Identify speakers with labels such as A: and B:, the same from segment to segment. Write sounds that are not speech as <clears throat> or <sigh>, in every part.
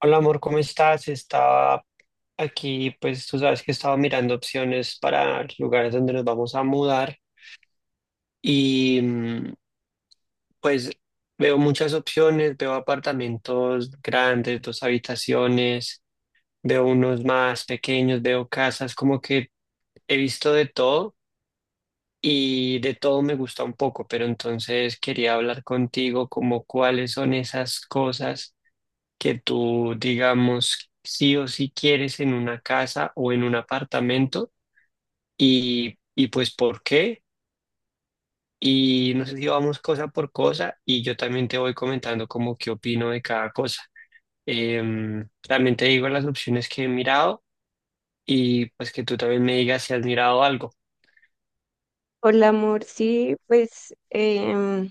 A: Hola amor, ¿cómo estás? Estaba aquí, pues tú sabes que estaba mirando opciones para lugares donde nos vamos a mudar y pues veo muchas opciones, veo apartamentos grandes, dos habitaciones, veo unos más pequeños, veo casas, como que he visto de todo y de todo me gusta un poco, pero entonces quería hablar contigo como cuáles son esas cosas que tú, digamos, sí o sí quieres en una casa o en un apartamento y pues por qué. Y no sé si vamos cosa por cosa y yo también te voy comentando como qué opino de cada cosa. También te digo las opciones que he mirado y pues que tú también me digas si has mirado algo.
B: Hola, amor. Sí, pues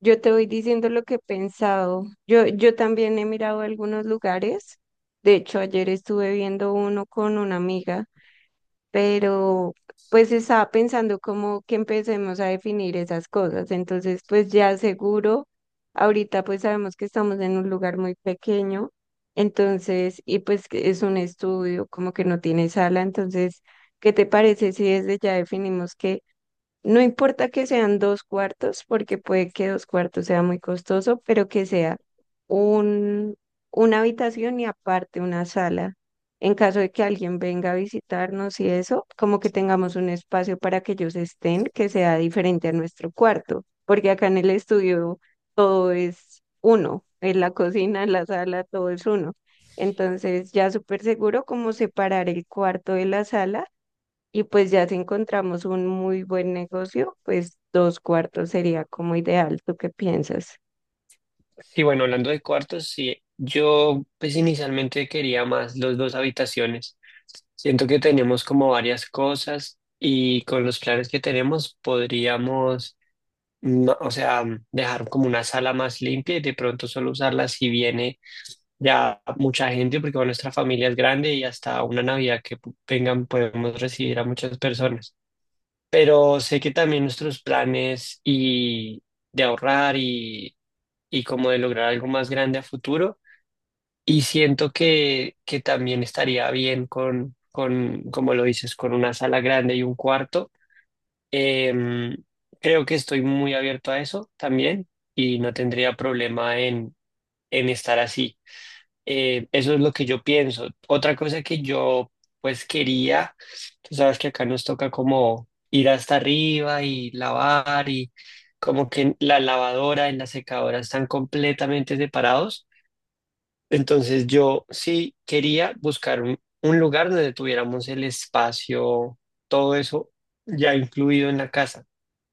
B: yo te voy diciendo lo que he pensado. Yo también he mirado algunos lugares. De hecho, ayer estuve viendo uno con una amiga, pero pues estaba pensando como que empecemos a definir esas cosas. Entonces, pues ya seguro, ahorita pues sabemos que estamos en un lugar muy pequeño. Entonces, y pues que es un estudio, como que no tiene sala. Entonces, ¿qué te parece si desde ya definimos que... No importa que sean dos cuartos, porque puede que dos cuartos sea muy costoso, pero que sea un, una habitación y aparte una sala. En caso de que alguien venga a visitarnos y eso, como que tengamos un espacio para que ellos estén, que sea diferente a nuestro cuarto, porque acá en el estudio todo es uno, en la cocina, en la sala, todo es uno. Entonces ya súper seguro como separar el cuarto de la sala y pues ya si encontramos un muy buen negocio, pues dos cuartos sería como ideal. ¿Tú qué piensas?
A: Sí, bueno, hablando de cuartos, sí, yo pues inicialmente quería más los dos habitaciones. Siento que tenemos como varias cosas y con los planes que tenemos podríamos, no, o sea, dejar como una sala más limpia y de pronto solo usarla si viene ya mucha gente, porque bueno, nuestra familia es grande y hasta una Navidad que vengan podemos recibir a muchas personas. Pero sé que también nuestros planes y de ahorrar y como de lograr algo más grande a futuro. Y siento que también estaría bien como lo dices, con una sala grande y un cuarto. Em, Creo que estoy muy abierto a eso también y no tendría problema en estar así. Eso es lo que yo pienso. Otra cosa que yo pues quería, tú sabes que acá nos toca como ir hasta arriba y lavar y como que la lavadora y la secadora están completamente separados. Entonces yo sí quería buscar un lugar donde tuviéramos el espacio, todo eso ya incluido en la casa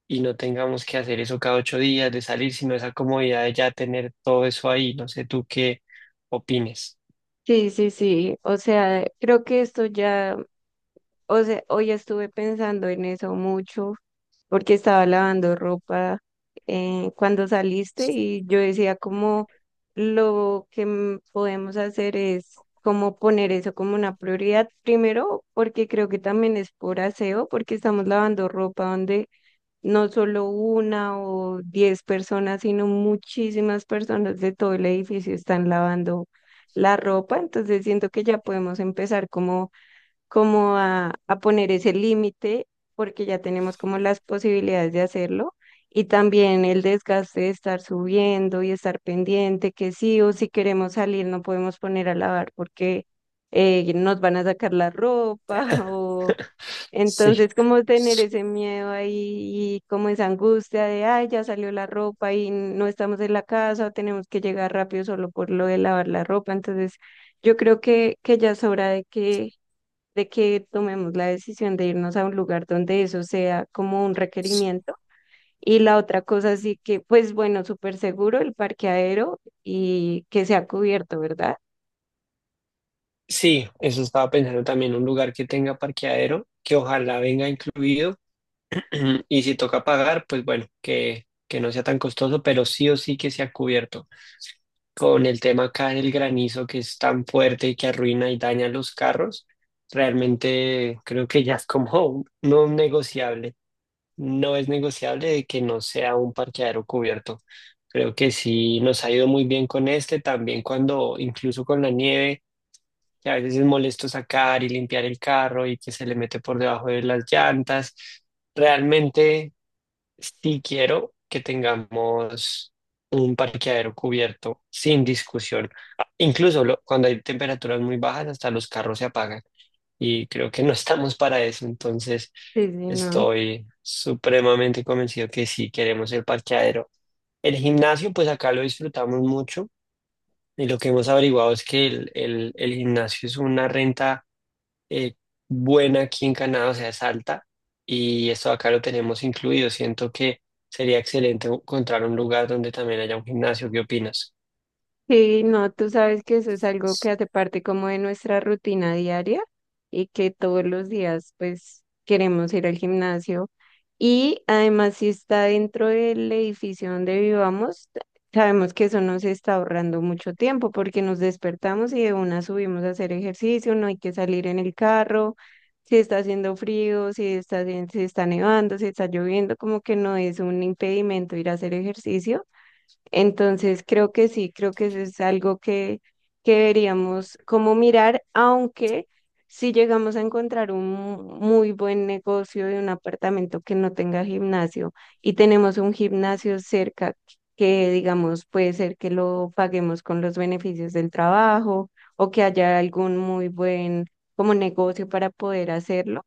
A: y no tengamos que hacer eso cada 8 días de salir, sino esa comodidad de ya tener todo eso ahí. No sé tú qué opines.
B: Sí, sí, sí. O sea, creo que esto ya, o sea, hoy estuve pensando en eso mucho porque estaba lavando ropa cuando saliste y yo decía como lo que podemos hacer es como poner eso como una prioridad primero, porque creo que también es por aseo, porque estamos lavando ropa donde no solo una o diez personas, sino muchísimas personas de todo el edificio están lavando la ropa. Entonces siento que ya podemos empezar como, como a poner ese límite, porque ya tenemos como las posibilidades de hacerlo y también el desgaste de estar subiendo y estar pendiente que sí o si queremos salir no podemos poner a lavar porque nos van a sacar la ropa <laughs> o
A: Sí.
B: entonces, como tener ese miedo ahí y como esa angustia de, ay, ya salió la ropa y no estamos en la casa, tenemos que llegar rápido solo por lo de lavar la ropa. Entonces, yo creo que ya es hora de que tomemos la decisión de irnos a un lugar donde eso sea como un requerimiento. Y la otra cosa sí que, pues bueno, súper seguro el parqueadero y que sea cubierto, ¿verdad?
A: Sí, eso estaba pensando también, un lugar que tenga parqueadero, que ojalá venga incluido <clears throat> y si toca pagar, pues bueno, que no sea tan costoso, pero sí o sí que sea cubierto. Con el tema acá del granizo que es tan fuerte y que arruina y daña los carros, realmente creo que ya es como <laughs> no un negociable. No es negociable de que no sea un parqueadero cubierto. Creo que sí nos ha ido muy bien con este, también cuando incluso con la nieve, que a veces es molesto sacar y limpiar el carro y que se le mete por debajo de las llantas. Realmente sí quiero que tengamos un parqueadero cubierto sin discusión. Ah, incluso cuando hay temperaturas muy bajas, hasta los carros se apagan. Y creo que no <laughs> estamos para eso. Entonces,
B: Sí, sí, no.
A: estoy supremamente convencido que sí queremos el parqueadero. El gimnasio, pues acá lo disfrutamos mucho. Y lo que hemos averiguado es que el gimnasio es una renta eh, buena aquí en Canadá, o sea, es alta, y esto acá lo tenemos incluido. Siento que sería excelente encontrar un lugar donde también haya un gimnasio. ¿Qué opinas?
B: Sí, no, tú sabes que eso es algo que hace parte como de nuestra rutina diaria y que todos los días pues queremos ir al gimnasio, y además si está dentro del edificio donde vivamos, sabemos que eso nos está ahorrando mucho tiempo porque nos despertamos y de una subimos a hacer ejercicio, no hay que salir en el carro, si está haciendo frío, si está, si está nevando, si está lloviendo, como que no es un impedimento ir a hacer ejercicio. Entonces, creo que sí, creo que eso es algo que deberíamos como mirar, aunque si llegamos a encontrar un muy buen negocio de un apartamento que no tenga gimnasio y tenemos un gimnasio cerca que, digamos, puede ser que lo paguemos con los beneficios del trabajo o que haya algún muy buen como negocio para poder hacerlo,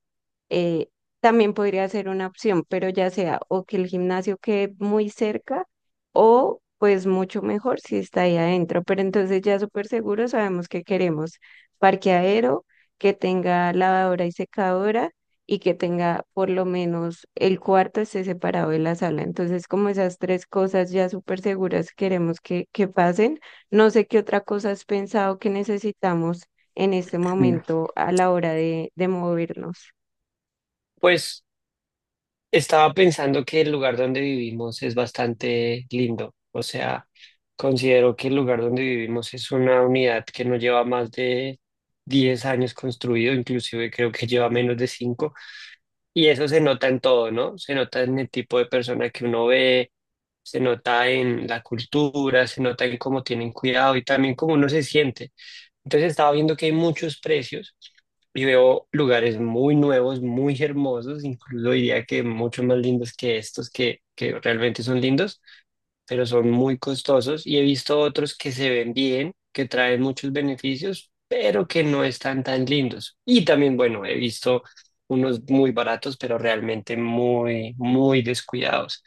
B: eh, también podría ser una opción, pero ya sea o que el gimnasio quede muy cerca o pues mucho mejor si está ahí adentro. Pero entonces ya súper seguro sabemos que queremos parqueadero, que tenga lavadora y secadora y que tenga por lo menos el cuarto esté separado de la sala. Entonces como esas tres cosas ya súper seguras queremos que pasen. No sé qué otra cosa has pensado que necesitamos en este
A: Mm.
B: momento a la hora de movernos.
A: Pues estaba pensando que el lugar donde vivimos es bastante lindo, o sea, considero que el lugar donde vivimos es una unidad que no lleva más de 10 años construido, inclusive creo que lleva menos de 5 y eso se nota en todo, ¿no? Se nota en el tipo de persona que uno ve, se nota en la cultura, se nota en cómo tienen cuidado y también cómo uno se siente. Entonces estaba viendo que hay muchos precios y veo lugares muy nuevos, muy hermosos, incluso diría que mucho más lindos que estos que realmente son lindos, pero son muy costosos y he visto otros que se ven bien, que traen muchos beneficios, pero que no están tan lindos. Y también, bueno, he visto unos muy baratos, pero realmente muy, muy descuidados.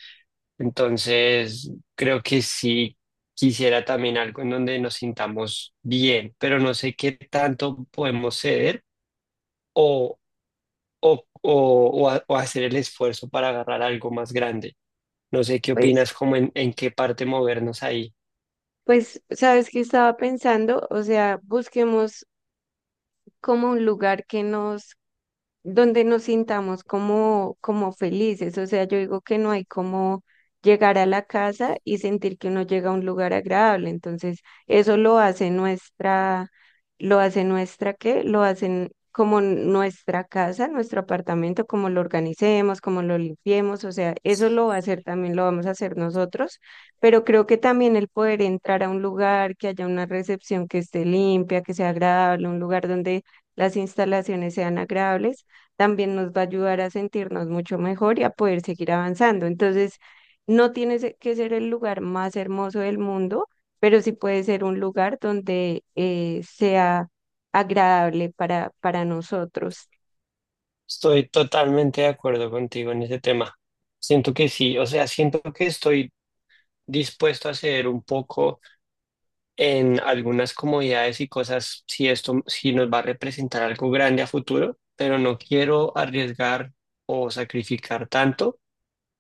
A: Entonces, creo que sí quisiera también algo en donde nos sintamos bien, pero no sé qué tanto podemos ceder o, o, o, o hacer el esfuerzo para agarrar algo más grande. No sé qué
B: Pues,
A: opinas, como en qué parte movernos ahí.
B: pues, ¿sabes qué estaba pensando? O sea, busquemos como un lugar que nos donde nos sintamos como, como felices. O sea, yo digo que no hay como llegar a la casa y sentir que uno llega a un lugar agradable. Entonces, eso lo hace nuestra, ¿qué? Lo hacen como nuestra casa, nuestro apartamento, como lo organicemos, como lo limpiemos. O sea, eso lo va a hacer también, lo vamos a hacer nosotros. Pero creo que también el poder entrar a un lugar, que haya una recepción que esté limpia, que sea agradable, un lugar donde las instalaciones sean agradables también nos va a ayudar a sentirnos mucho mejor y a poder seguir avanzando. Entonces, no tiene se- que ser el lugar más hermoso del mundo, pero sí puede ser un lugar donde sea agradable para nosotros.
A: Estoy totalmente de acuerdo contigo en ese tema. Siento que sí, o sea, siento que estoy dispuesto a ceder un poco en algunas comodidades y cosas si esto si nos va a representar algo grande a futuro, pero no quiero arriesgar o sacrificar tanto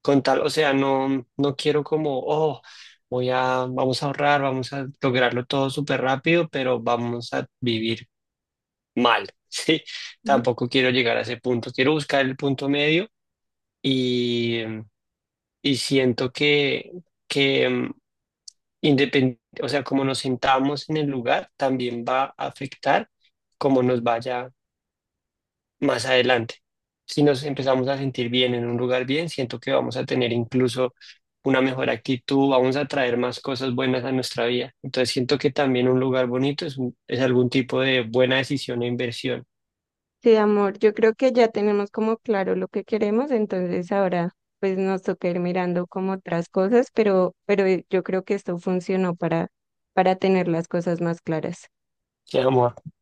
A: con tal, o sea, no quiero como, oh, voy a vamos a ahorrar, vamos a lograrlo todo súper rápido, pero vamos a vivir mal. <laughs> Sí,
B: Ujú.
A: tampoco quiero llegar a ese punto, quiero buscar el punto medio y y siento que o sea, como nos sentamos en el lugar, también va a afectar cómo nos vaya más adelante. Si nos empezamos a sentir bien en un lugar bien, siento que vamos a tener incluso una mejor actitud, vamos a traer más cosas buenas a nuestra vida. Entonces siento que también un lugar bonito es algún tipo de buena decisión e inversión.
B: Sí, amor, yo creo que ya tenemos como claro lo que queremos, entonces ahora pues nos toca ir mirando como otras cosas, pero, pero, yo creo que esto funcionó para tener las cosas más claras.
A: ¡Qué amor! A,